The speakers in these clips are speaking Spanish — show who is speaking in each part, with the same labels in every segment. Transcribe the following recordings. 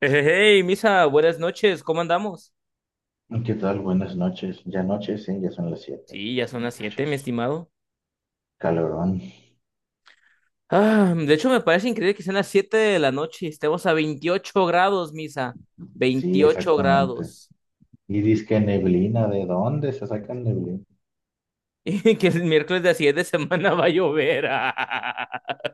Speaker 1: Hey, hey, hey, Misa, buenas noches, ¿cómo andamos?
Speaker 2: ¿Qué tal? Buenas noches. Ya noches, sí, ya son las siete.
Speaker 1: Sí, ya son las siete, mi
Speaker 2: Chis,
Speaker 1: estimado.
Speaker 2: calorón.
Speaker 1: Ah, de hecho, me parece increíble que sean las 7 de la noche, estemos a 28 grados, Misa,
Speaker 2: Sí,
Speaker 1: veintiocho
Speaker 2: exactamente.
Speaker 1: grados.
Speaker 2: Y dizque neblina, ¿de dónde se sacan neblina?
Speaker 1: Y que el miércoles de la siguiente semana va a llover.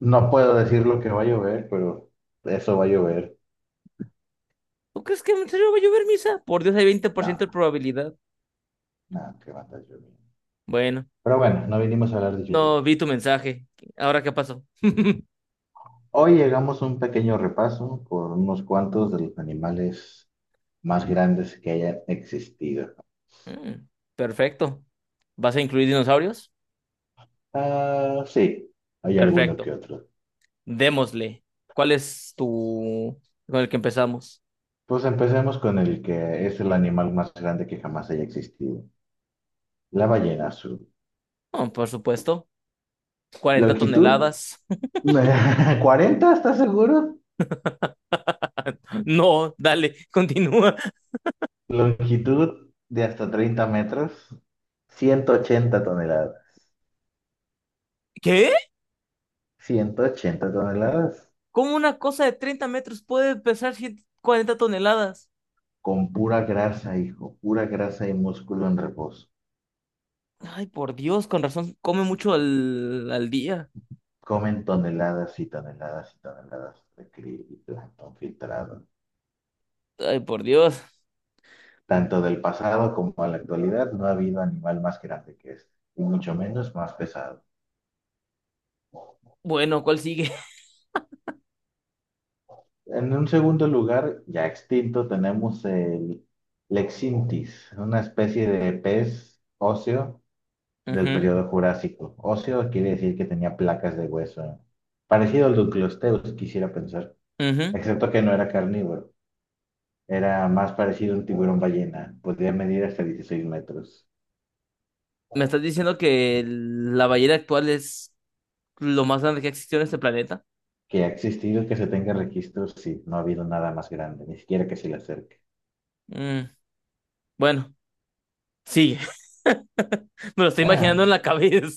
Speaker 2: No puedo decir lo que va a llover, pero eso va a llover.
Speaker 1: ¿Tú crees que en serio va a llover, Misa? Por Dios, hay veinte por
Speaker 2: No,
Speaker 1: ciento de probabilidad.
Speaker 2: no, que va a estar lloviendo.
Speaker 1: Bueno,
Speaker 2: Pero bueno, no vinimos a hablar de lluvia.
Speaker 1: no vi tu mensaje. ¿Ahora qué pasó?
Speaker 2: Hoy llegamos a un pequeño repaso por unos cuantos de los animales más grandes que hayan existido.
Speaker 1: Mm, Perfecto. ¿Vas a incluir dinosaurios?
Speaker 2: Ah, sí, hay alguno que
Speaker 1: Perfecto.
Speaker 2: otro.
Speaker 1: Démosle. ¿Cuál es tu, con el que empezamos?
Speaker 2: Pues empecemos con el que es el animal más grande que jamás haya existido, la ballena azul.
Speaker 1: Oh, por supuesto, 40
Speaker 2: Longitud,
Speaker 1: toneladas.
Speaker 2: 40, ¿estás seguro?
Speaker 1: No, dale, continúa.
Speaker 2: Longitud de hasta 30 metros, 180 toneladas.
Speaker 1: ¿Qué?
Speaker 2: 180 toneladas
Speaker 1: ¿Cómo una cosa de 30 metros puede pesar 100 cuarenta toneladas?
Speaker 2: con pura grasa, hijo, pura grasa y músculo en reposo.
Speaker 1: Ay, por Dios, con razón, come mucho al día.
Speaker 2: Comen toneladas y toneladas y toneladas de krill y plancton filtrado.
Speaker 1: Ay, por Dios.
Speaker 2: Tanto del pasado como a la actualidad, no ha habido animal más grande que este, y mucho menos más pesado.
Speaker 1: Bueno, ¿cuál sigue?
Speaker 2: En un segundo lugar, ya extinto, tenemos el Lexintis, una especie de pez óseo del
Speaker 1: Ujú,
Speaker 2: periodo Jurásico. Óseo quiere decir que tenía placas de hueso, ¿eh? Parecido al Duclosteus, quisiera pensar,
Speaker 1: ujú.
Speaker 2: excepto que no era carnívoro. Era más parecido a un tiburón ballena, podía medir hasta 16 metros.
Speaker 1: ¿Me estás diciendo que la ballena actual es lo más grande que ha existido en este planeta?
Speaker 2: Que ha existido que se tenga registro, sí, no ha habido nada más grande, ni siquiera que se le acerque.
Speaker 1: Mm, bueno, sí, me lo estoy
Speaker 2: Ah,
Speaker 1: imaginando en la cabeza.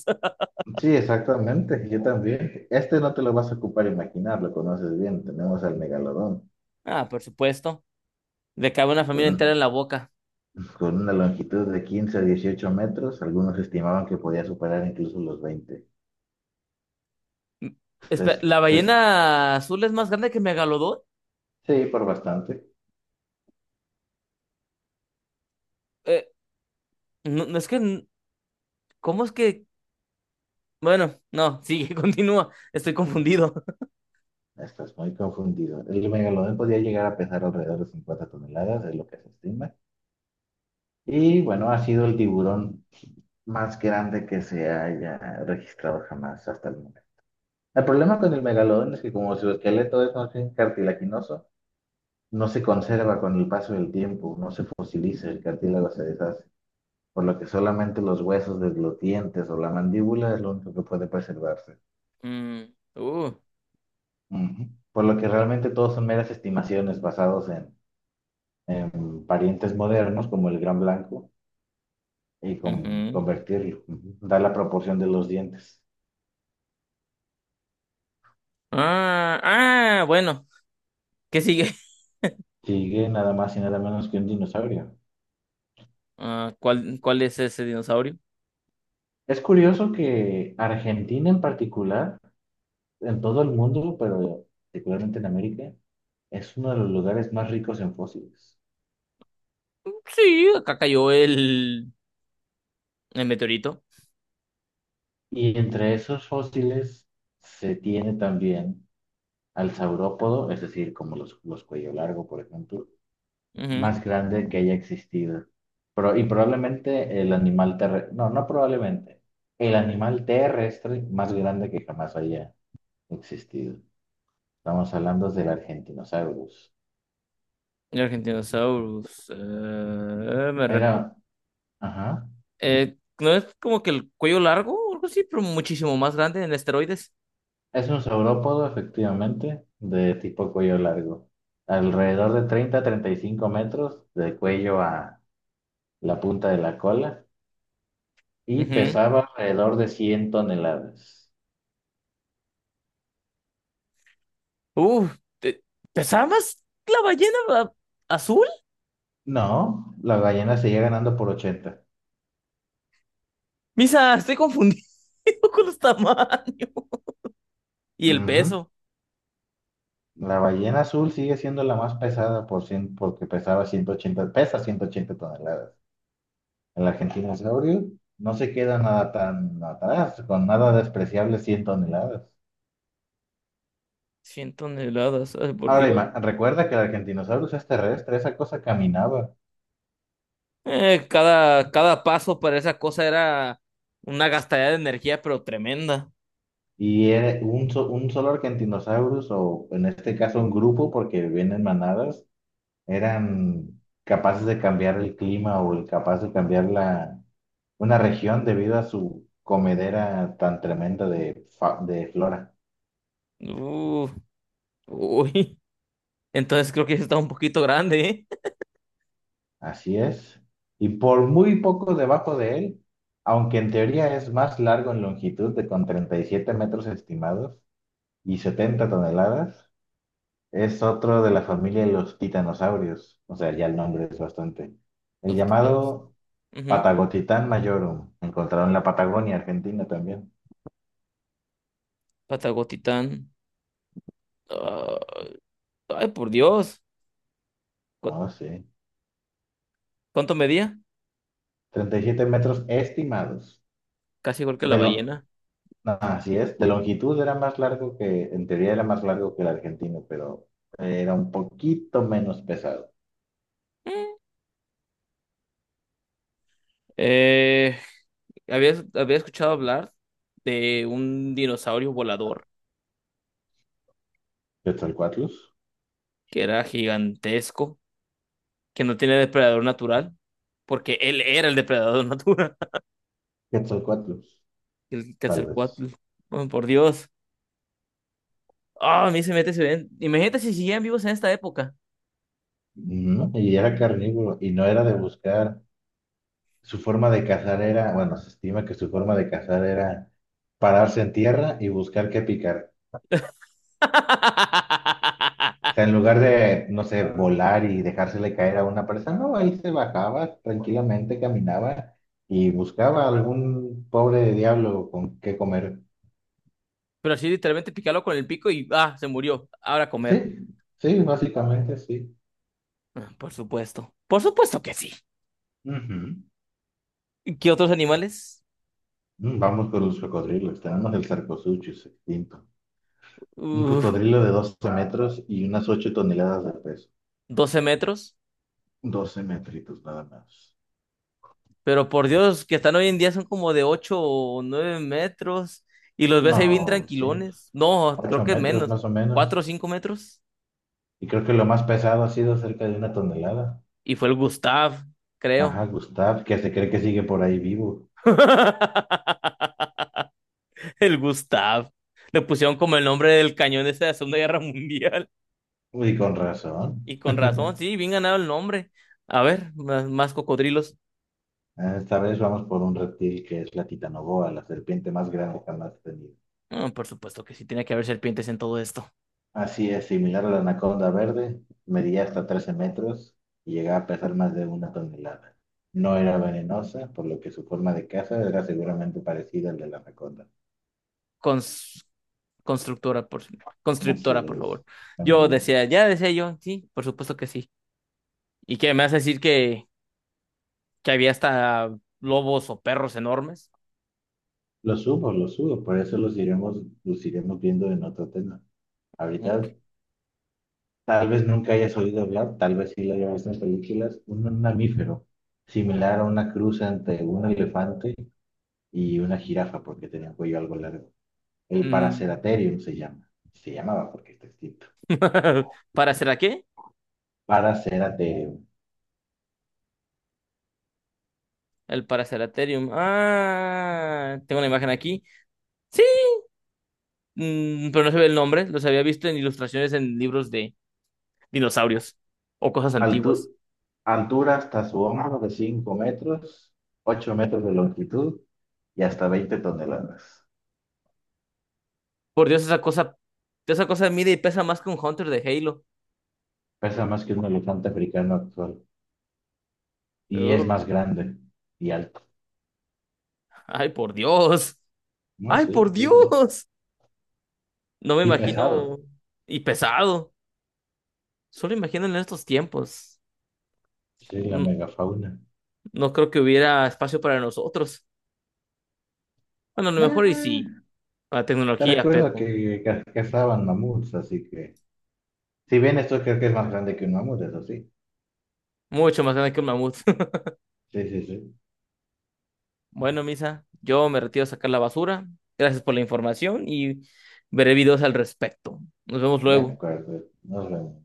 Speaker 2: sí, exactamente, yo también. Este no te lo vas a ocupar imaginar, lo conoces bien. Tenemos al megalodón,
Speaker 1: Ah, por supuesto. Le cabe una familia
Speaker 2: con,
Speaker 1: entera en
Speaker 2: un-
Speaker 1: la boca.
Speaker 2: con una longitud de 15 a 18 metros. Algunos estimaban que podía superar incluso los 20.
Speaker 1: Mm,
Speaker 2: Entonces,
Speaker 1: ¿La
Speaker 2: entonces,
Speaker 1: ballena azul es más grande que Megalodón?
Speaker 2: sí, por bastante.
Speaker 1: Eh, no, no es que. ¿Cómo es que? Bueno, no, sigue, continúa. Estoy confundido.
Speaker 2: Estás muy confundido. El megalodón podía llegar a pesar alrededor de 50 toneladas, es lo que se estima. Y bueno, ha sido el tiburón más grande que se haya registrado jamás hasta el momento. El problema con el megalodón es que como su esqueleto es más bien cartilaginoso, no se conserva con el paso del tiempo, no se fosiliza, el cartílago se deshace, por lo que solamente los huesos de los dientes o la mandíbula es lo único que puede preservarse.
Speaker 1: Mm, uh,
Speaker 2: Ujú. Por lo que realmente todos son meras estimaciones basadas en parientes modernos como el gran blanco y con,
Speaker 1: Ujú.
Speaker 2: convertirlo, dar la proporción de los dientes.
Speaker 1: Ah, ah, bueno. ¿Qué sigue?
Speaker 2: Sigue nada más y nada menos que un dinosaurio.
Speaker 1: Ah, ¿cuál es ese dinosaurio?
Speaker 2: Es curioso que Argentina en particular, en todo el mundo, pero particularmente en América, es uno de los lugares más ricos en fósiles.
Speaker 1: Sí, acá cayó el meteorito.
Speaker 2: Y entre esos fósiles se tiene también al saurópodo, es decir, como los cuello largo, por ejemplo,
Speaker 1: Ujú.
Speaker 2: más grande que haya existido. Pero, y probablemente el animal terrestre, no, no probablemente, el animal terrestre más grande que jamás haya existido. Estamos hablando del Argentinosaurus.
Speaker 1: El Argentinosaurus. Me recu-
Speaker 2: Era, ajá,
Speaker 1: No es como que el cuello largo o algo así, pero muchísimo más grande en esteroides.
Speaker 2: es un saurópodo, efectivamente, de tipo cuello largo. Alrededor de 30 a 35 metros de cuello a la punta de la cola y
Speaker 1: Ujú.
Speaker 2: pesaba alrededor de 100 toneladas.
Speaker 1: Uh, te- ¿Pesaba más la ballena azul?
Speaker 2: No, la ballena seguía ganando por 80.
Speaker 1: Misa, estoy confundido con los tamaños. Y el
Speaker 2: Ujú.
Speaker 1: peso.
Speaker 2: La ballena azul sigue siendo la más pesada por 100 porque pesa 180 toneladas. El argentinosaurio no se queda nada tan atrás, con nada despreciable 100 toneladas.
Speaker 1: 100 toneladas, ay, por
Speaker 2: Ahora,
Speaker 1: Dios.
Speaker 2: recuerda que el argentinosaurus es terrestre, esa cosa caminaba.
Speaker 1: Cada paso para esa cosa era una gastadera de energía, pero tremenda.
Speaker 2: Y era un solo argentinosaurus, o en este caso un grupo, porque vienen manadas, eran capaces de cambiar el clima o capaces de cambiar la, una región debido a su comedera tan tremenda de flora.
Speaker 1: Uh, Uy. Entonces creo que está un poquito grande, ¿eh?
Speaker 2: Así es. Y por muy poco debajo de él, aunque en teoría es más largo en longitud de con 37 metros estimados y 70 toneladas, es otro de la familia de los titanosaurios. O sea, ya el nombre es bastante. El
Speaker 1: Los titanes.
Speaker 2: llamado
Speaker 1: Ujú.
Speaker 2: Patagotitan majorum, encontrado en la Patagonia, Argentina también.
Speaker 1: Patagotitán. Ah. Ay, por Dios. ¿Cu-
Speaker 2: Oh, sí.
Speaker 1: ¿Cuánto medía?
Speaker 2: 37 metros estimados.
Speaker 1: Casi igual que la
Speaker 2: De lo,
Speaker 1: ballena.
Speaker 2: Así es, de longitud era más largo que, en teoría era más largo que el argentino, pero era un poquito menos pesado.
Speaker 1: Eh, había escuchado hablar de un dinosaurio volador
Speaker 2: ¿Quetzalcoatlus?
Speaker 1: que era gigantesco, que no tiene depredador natural, porque él era el depredador natural,
Speaker 2: Quetzalcoatlus,
Speaker 1: el
Speaker 2: tal vez.
Speaker 1: Quetzalcóatl. Oh, por Dios. Ah, a mí se mete, se ven. Imagínate si siguieran vivos en esta época.
Speaker 2: Ujú. Y era carnívoro, y no era de buscar, su forma de cazar era, bueno, se estima que su forma de cazar era pararse en tierra y buscar qué picar. O sea, en lugar de, no sé, volar y dejársele caer a una presa, no, ahí se bajaba tranquilamente, caminaba y buscaba algún pobre diablo con qué comer.
Speaker 1: Pero así literalmente picarlo con el pico y ah, se murió. Ahora a comer.
Speaker 2: Sí, sí, básicamente sí.
Speaker 1: Ah, por supuesto. Por supuesto que sí.
Speaker 2: Ujú.
Speaker 1: ¿Qué otros animales?
Speaker 2: Vamos por los cocodrilos. Tenemos el Sarcosuchus extinto. Un
Speaker 1: Uf,
Speaker 2: cocodrilo de 12 metros y unas 8 toneladas de peso.
Speaker 1: 12 metros.
Speaker 2: Doce metritos nada más.
Speaker 1: Pero por Dios, que están hoy en día son como de 8 o 9 metros. Y los ves ahí bien
Speaker 2: No, sí,
Speaker 1: tranquilones. No, creo
Speaker 2: ocho
Speaker 1: que
Speaker 2: metros
Speaker 1: menos.
Speaker 2: más o
Speaker 1: cuatro o
Speaker 2: menos.
Speaker 1: cinco metros.
Speaker 2: Y creo que lo más pesado ha sido cerca de una tonelada.
Speaker 1: Y fue el Gustav, creo.
Speaker 2: Ajá, Gustav, que se cree que sigue por ahí vivo.
Speaker 1: El Gustav. Le pusieron como el nombre del cañón ese de la Segunda Guerra Mundial.
Speaker 2: Uy, con razón.
Speaker 1: Y con razón, sí, bien ganado el nombre. A ver, más cocodrilos.
Speaker 2: Esta vez vamos por un reptil que es la titanoboa, la serpiente más grande jamás tenido.
Speaker 1: Ah, por supuesto que sí, tiene que haber serpientes en todo esto.
Speaker 2: Así es, similar a la anaconda verde, medía hasta 13 metros y llegaba a pesar más de una tonelada. No era venenosa, por lo que su forma de caza era seguramente parecida al de la anaconda.
Speaker 1: Con, constructora, por,
Speaker 2: Así
Speaker 1: constructora, por
Speaker 2: es.
Speaker 1: favor. Yo decía, ya decía yo, sí, por supuesto que sí. ¿Y qué me vas a decir que había hasta lobos o perros enormes?
Speaker 2: Los subo, por eso los iremos viendo en otro tema.
Speaker 1: Ok.
Speaker 2: Ahorita. Tal vez nunca hayas oído hablar, tal vez sí lo hayas visto en películas, un mamífero similar a una cruz entre un elefante y una jirafa, porque tenía un cuello algo largo. El
Speaker 1: Mm.
Speaker 2: Paraceratherium se llama, se llamaba porque está extinto.
Speaker 1: ¿Para qué?
Speaker 2: Paraceratherium.
Speaker 1: El Paraceratherium. Ah, tengo una imagen aquí. Sí, pero no se ve el nombre. Los había visto en ilustraciones en libros de dinosaurios o cosas
Speaker 2: Altu-
Speaker 1: antiguas.
Speaker 2: Altura hasta su hombro de 5 metros, 8 metros de longitud y hasta 20 toneladas.
Speaker 1: Por Dios, esa cosa mide y pesa más que un Hunter de Halo.
Speaker 2: Pesa más que un elefante africano actual y
Speaker 1: Oh,
Speaker 2: es más grande y alto.
Speaker 1: ay, por Dios.
Speaker 2: No,
Speaker 1: Ay,
Speaker 2: sí,
Speaker 1: por
Speaker 2: sí, sí.
Speaker 1: Dios. No me
Speaker 2: Y
Speaker 1: imagino.
Speaker 2: pesado.
Speaker 1: Y pesado. Solo imagino en estos tiempos.
Speaker 2: Sí, la
Speaker 1: Mm,
Speaker 2: megafauna.
Speaker 1: No creo que hubiera espacio para nosotros. Bueno, a lo
Speaker 2: Nah,
Speaker 1: mejor y sí, para
Speaker 2: te
Speaker 1: tecnología,
Speaker 2: recuerdo
Speaker 1: pero
Speaker 2: que cazaban mamuts, así que. Si bien esto creo que es más grande que un mamut, eso sí.
Speaker 1: mucho más grande que un mamut.
Speaker 2: Sí, sí, sí.
Speaker 1: Bueno, Misa, yo me retiro a sacar la basura. Gracias por la información y veré videos al respecto. Nos vemos
Speaker 2: De
Speaker 1: luego.
Speaker 2: acuerdo. Nos vemos.